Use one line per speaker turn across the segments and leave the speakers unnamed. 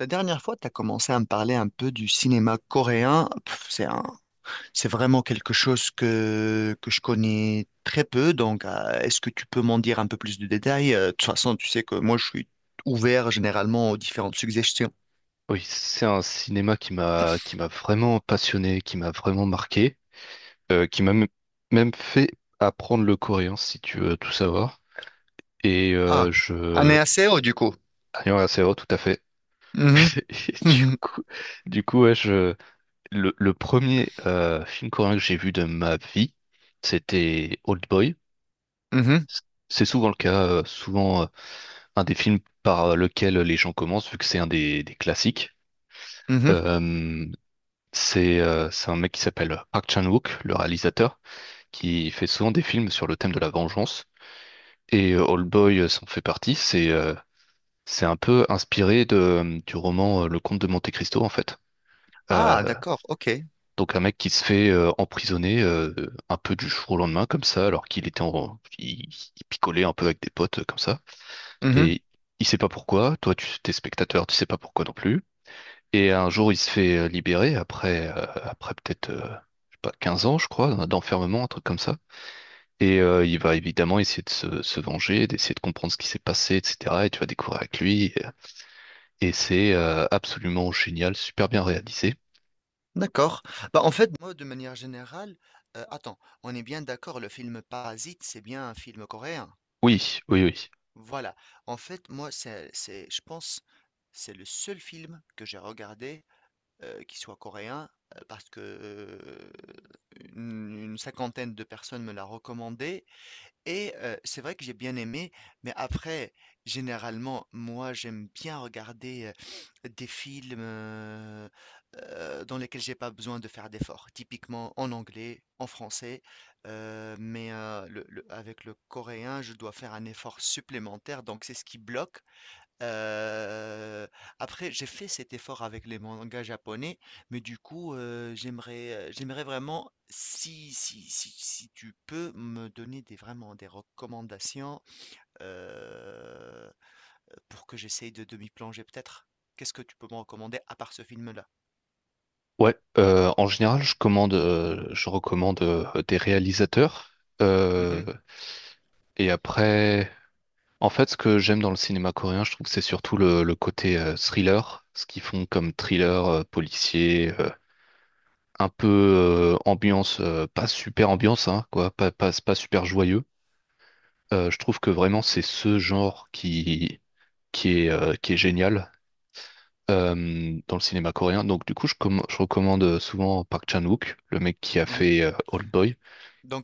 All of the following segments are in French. La dernière fois, tu as commencé à me parler un peu du cinéma coréen. Pff, c'est vraiment quelque chose que je connais très peu. Donc, est-ce que tu peux m'en dire un peu plus de détails? De toute façon, tu sais que moi, je suis ouvert généralement aux différentes suggestions.
Oui, c'est un cinéma qui m'a vraiment passionné, qui m'a vraiment marqué, qui m'a même fait apprendre le coréen, si tu veux tout savoir. Et
Ah,
je...
안녕하세요, du coup.
Ah, ouais, c'est vrai, tout à fait.
Mhm,
Et du
mhm,
coup, du coup ouais, je... Le premier film coréen que j'ai vu de ma vie, c'était Old Boy.
mhm,
C'est souvent le cas, souvent un des films par lequel les gens commencent, vu que c'est un des classiques.
mhm.
Euh, c'est un mec qui s'appelle Park Chan-wook, le réalisateur, qui fait souvent des films sur le thème de la vengeance. Et Old Boy s'en fait partie. C'est un peu inspiré du roman Le Comte de Monte-Cristo, en fait.
Ah,
Euh,
d'accord, ok.
donc un mec qui se fait emprisonner un peu du jour au lendemain, comme ça, alors qu'il était il picolait un peu avec des potes, comme ça.
Mhm,
Et il sait pas pourquoi. Toi, tu t'es spectateur, tu sais pas pourquoi non plus. Et un jour, il se fait libérer après peut-être, je sais pas, 15 ans, je crois, d'enfermement, un truc comme ça. Et il va évidemment essayer de se venger, d'essayer de comprendre ce qui s'est passé, etc. Et tu vas découvrir avec lui. Et c'est absolument génial, super bien réalisé.
d'accord. Bah, en fait, moi, de manière générale, attends, on est bien d'accord, le film Parasite, c'est bien un film coréen.
Oui, oui, oui.
Voilà. En fait, moi, c'est je pense, c'est le seul film que j'ai regardé, qui soit coréen, parce que, une cinquantaine de personnes me l'a recommandé et c'est vrai que j'ai bien aimé, mais après, généralement, moi, j'aime bien regarder, des films, dans lesquels j'ai pas besoin de faire d'efforts. Typiquement en anglais, en français, mais le avec le coréen, je dois faire un effort supplémentaire, donc c'est ce qui bloque. Heu, Après j'ai fait cet effort avec les mangas japonais, mais du coup, j'aimerais vraiment si tu peux me donner des vraiment des recommandations, heu, pour que j'essaye de m'y plonger peut-être? Qu'est-ce que tu peux me recommander à part ce film-là?
Ouais, En général, je recommande des réalisateurs.
Mmh
Euh,
mh.
et après. En fait, ce que j'aime dans le cinéma coréen, je trouve que c'est surtout le côté thriller, ce qu'ils font comme thriller policier, un peu ambiance, pas super ambiance, hein, quoi, pas super joyeux. Je trouve que vraiment c'est ce genre qui est génial dans le cinéma coréen. Donc du coup, je recommande souvent Park Chan-wook, le mec qui a
Mmh mh.
fait Old Boy.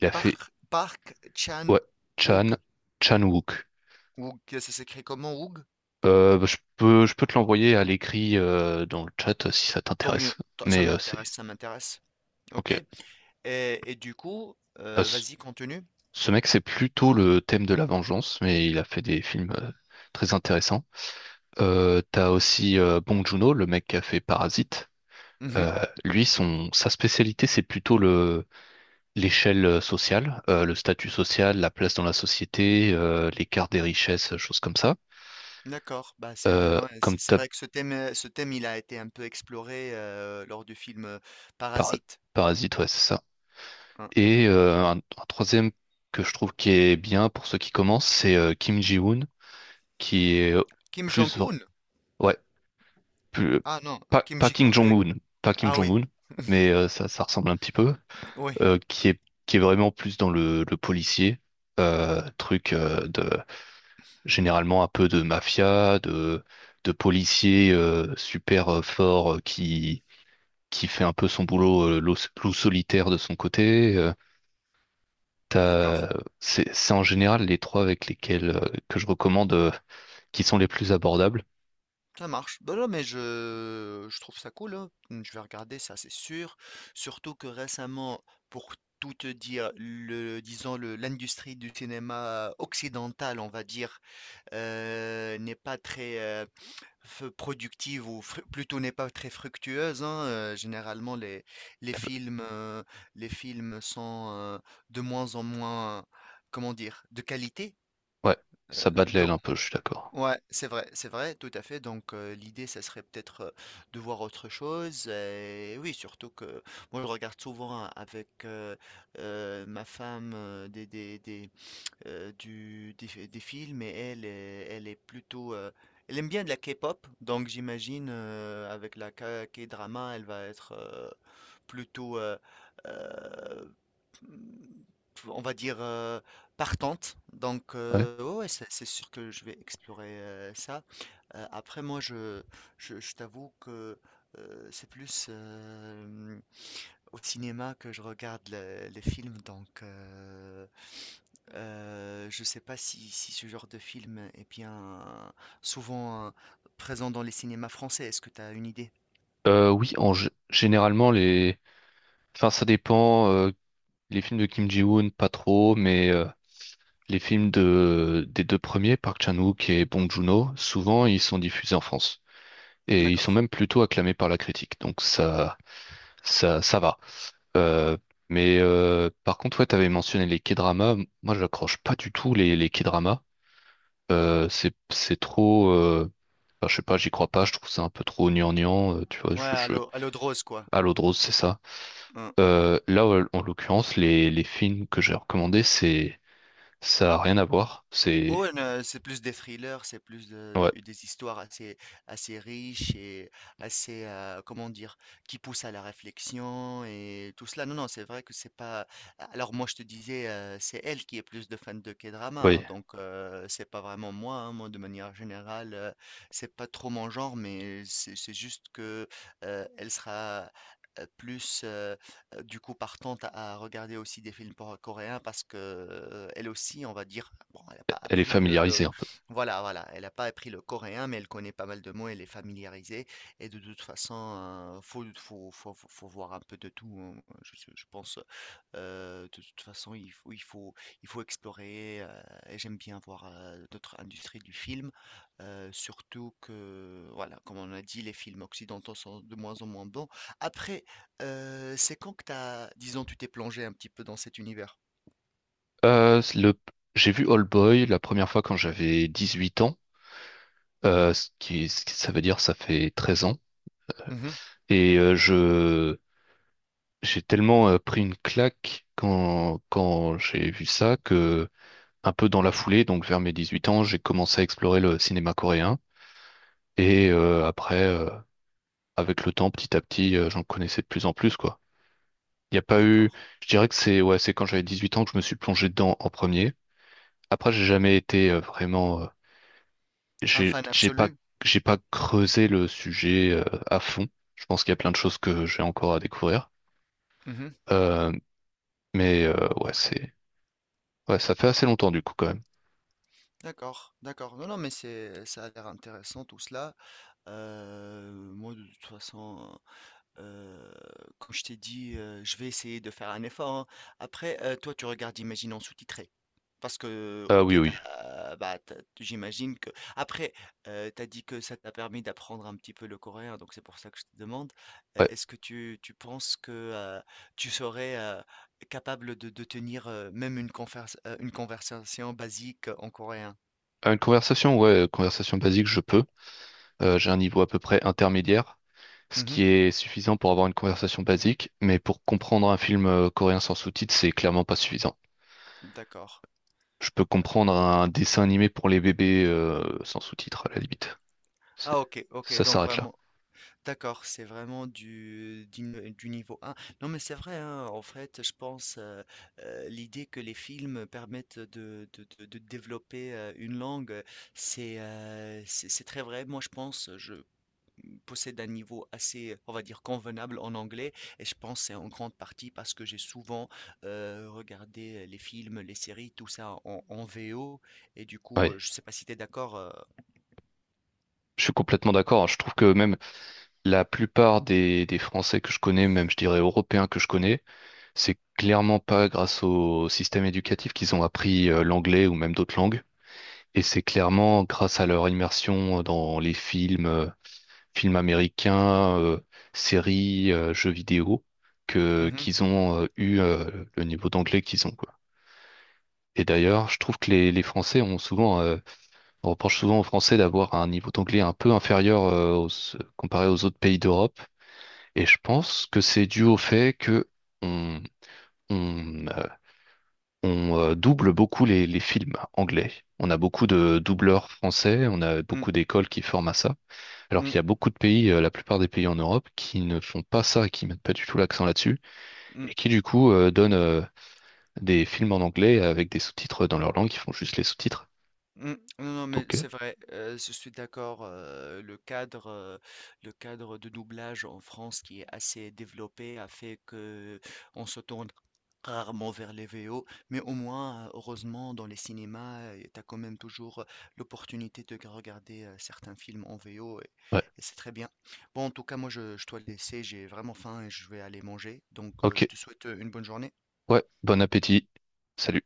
Il a fait
Park
ouais, Chan,
Chan-wook.
Chan-wook.
Wook, ça s'écrit comment Wook?
Bah, je peux te l'envoyer à l'écrit dans le chat si ça
Tant mieux,
t'intéresse.
tant ça m'intéresse,
C'est
ça m'intéresse.
ok.
OK et du coup,
Euh, ce
vas-y continue.
ce mec, c'est plutôt le thème de la vengeance, mais il a fait des films très intéressants. T'as aussi Bong Joon-ho, le mec qui a fait Parasite.
Mhm.
Lui, sa spécialité, c'est plutôt le l'échelle sociale, le statut social, la place dans la société, l'écart des richesses, choses comme ça.
D'accord. Bah,
Euh,
ouais,
comme
c'est
t'as
vrai que ce thème, il a été un peu exploré lors du film
par-
Parasite.
Parasite, ouais, c'est ça.
Hein.
Et un troisième que je trouve qui est bien pour ceux qui commencent, c'est Kim Ji-woon, qui est
Kim
plus... vr-
Jong-un.
ouais, plus,
Ah non,
pas,
Kim
pas Kim
Jong.
Jong-un, pas Kim
Ah oui,
Jong-un, mais ça, ça ressemble un petit peu,
oui.
euh, qui est, qui est vraiment plus dans le policier, truc de... Généralement un peu de mafia, de policier super fort qui fait un peu son boulot loup solitaire de son côté.
D'accord.
T'as- c'est en général les trois avec lesquels que je recommande qui sont les plus abordables.
Ça marche. Bah non, mais je trouve ça cool. Hein. Mmh, je vais regarder ça, c'est sûr. Surtout que récemment, pour tout te dire, disons, l'industrie du cinéma occidental, on va dire, n'est pas très, productive ou plutôt n'est pas très fructueuse. Hein, généralement, les
Eh ben,
films, sont de moins en moins, comment dire, de qualité.
ouais, ça bat de l'aile
Donc,
un peu, je suis d'accord.
ouais, c'est vrai, tout à fait. Donc, l'idée, ça serait peut-être de voir autre chose. Et oui, surtout que moi, je regarde souvent avec ma femme des films et elle est plutôt elle aime bien de la K-pop, donc j'imagine avec la K-drama, elle va être plutôt, euh, on va dire, partante. Donc
Ouais.
ouais, ouais, c'est sûr que je vais explorer ça. Après, moi, je t'avoue que c'est plus au cinéma que je regarde les films, donc je sais pas si ce genre de film est bien souvent présent dans les cinémas français. Est-ce que tu as une idée?
Oui, en généralement enfin ça dépend. Les films de Kim Ji-woon, pas trop, les films des deux premiers, Park Chan-wook et Bong Joon-ho, souvent ils sont diffusés en France et ils sont
D'accord.
même plutôt acclamés par la critique. Donc ça va. Euh, mais par contre, ouais, t'avais mentionné les K-dramas. Moi, j'accroche pas du tout les K-dramas. C'est trop. Enfin, je sais pas, j'y crois pas. Je trouve ça un peu trop gnangnan. Tu vois,
Ouais,
je, je...
à l'eau de rose, quoi.
À l'eau de rose, c'est ça.
Hein.
Là, ouais, en l'occurrence, les films que j'ai recommandés, c'est ça a rien à voir. C'est
Ouais, ne c'est plus des thrillers, c'est plus
Ouais.
des histoires assez, assez riches et assez, comment dire, qui poussent à la réflexion et tout cela. Non, non, c'est vrai que c'est pas. Alors moi, je te disais, c'est elle qui est plus de fan de K-drama, hein,
Oui,
donc c'est pas vraiment moi. Hein. Moi, de manière générale, c'est pas trop mon genre, mais c'est juste que elle sera plus du coup partante à regarder aussi des films coréens parce que elle aussi, on va dire, bon, elle n'a pas
elle est
appris
familiarisée un peu.
voilà, voilà, elle n'a pas appris le coréen, mais elle connaît pas mal de mots, elle est familiarisée. Et de toute façon, faut voir un peu de tout. Hein. Je pense, de toute façon, il faut explorer. Et j'aime bien voir d'autres industries du film, surtout que, voilà, comme on a dit, les films occidentaux sont de moins en moins bons. Après, c'est quand que disons, tu t'es plongé un petit peu dans cet univers?
Euh, le, j'ai vu All Boy la première fois quand j'avais 18 ans, ça veut dire ça fait 13 ans.
Mmh.
Et j'ai tellement pris une claque quand j'ai vu ça que, un peu dans la foulée, donc vers mes 18 ans, j'ai commencé à explorer le cinéma coréen. Et après, avec le temps, petit à petit, j'en connaissais de plus en plus, quoi. Il n'y a pas eu,
D'accord.
je dirais que c'est ouais, c'est quand j'avais 18 ans que je me suis plongé dedans en premier. Après, j'ai jamais été vraiment
Un
J'ai
fan
j'ai pas
absolu?
j'ai pas creusé le sujet à fond. Je pense qu'il y a plein de choses que j'ai encore à découvrir.
Mmh.
Euh, mais ouais, c'est ouais, ça fait assez longtemps du coup quand même.
D'accord, d'accord. Non, non, mais c'est ça a l'air intéressant tout cela. Moi de toute façon, Heu, comme je t'ai dit, je vais essayer de faire un effort, hein. Après, toi, tu regardes, imagine en sous-titré. Parce que,
Ah oui
OK,
oui.
bah, tu j'imagine que après, tu dit que ça t'a permis d'apprendre un petit peu le coréen, donc c'est pour ça que je te demande,
Ouais.
est-ce que tu penses que, heu, tu serais, capable de tenir, même une conversation basique en coréen?
Une conversation, ouais, conversation basique, je peux. J'ai un niveau à peu près intermédiaire, ce
Mmh mh.
qui est suffisant pour avoir une conversation basique, mais pour comprendre un film coréen sans sous-titres, c'est clairement pas suffisant.
D'accord.
Je peux comprendre un dessin animé pour les bébés sans sous-titres, à la limite. C'est-
Ah, OK, OK,
Ça
donc
s'arrête là.
vraiment. D'accord, c'est vraiment du niveau 1. Non, mais c'est vrai, hein, en fait, je pense l'idée que les films permettent de développer une langue, c'est c'est très vrai. Moi, je pense, je possède un niveau assez, on va dire, convenable en anglais, et je pense c'est en grande partie parce que j'ai souvent regardé les films, les séries, tout ça en VO, et du coup,
Oui,
je sais pas si tu es d'accord.
je suis complètement d'accord, hein. Je trouve que même la plupart des Français que je connais, même je dirais européens que je connais, c'est clairement pas grâce au système éducatif qu'ils ont appris l'anglais ou même d'autres langues. Et c'est clairement grâce à leur immersion dans les films, films américains, séries, jeux vidéo, que
Mhm,
qu'ils ont eu le niveau d'anglais qu'ils ont, quoi. Et d'ailleurs, je trouve que les Français ont souvent, on reproche souvent aux Français d'avoir un niveau d'anglais un peu inférieur comparé aux autres pays d'Europe. Et je pense que c'est dû au fait que on, on, euh, on double beaucoup les films anglais. On a beaucoup de doubleurs français, on a
mm,
beaucoup d'écoles qui forment à ça. Alors
mm,
qu'il y a beaucoup de pays, la plupart des pays en Europe, qui ne font pas ça, qui mettent pas du tout l'accent là-dessus, et qui
mm.
du coup donnent des films en anglais avec des sous-titres dans leur langue, qui font juste les sous-titres.
Mmh. Non, non, mais
Donc,
c'est vrai, je suis d'accord, le cadre de doublage en France qui est assez développé a fait qu'on se tourne rarement vers les VO, mais au moins, heureusement dans les cinémas, tu as quand même toujours, l'opportunité de regarder, certains films en VO
ouais,
et c'est très bien. Bon, en tout cas, moi, je dois te laisser, j'ai vraiment faim et je vais aller manger, donc
ok,
je te souhaite, une bonne journée.
ouais, bon appétit. Salut.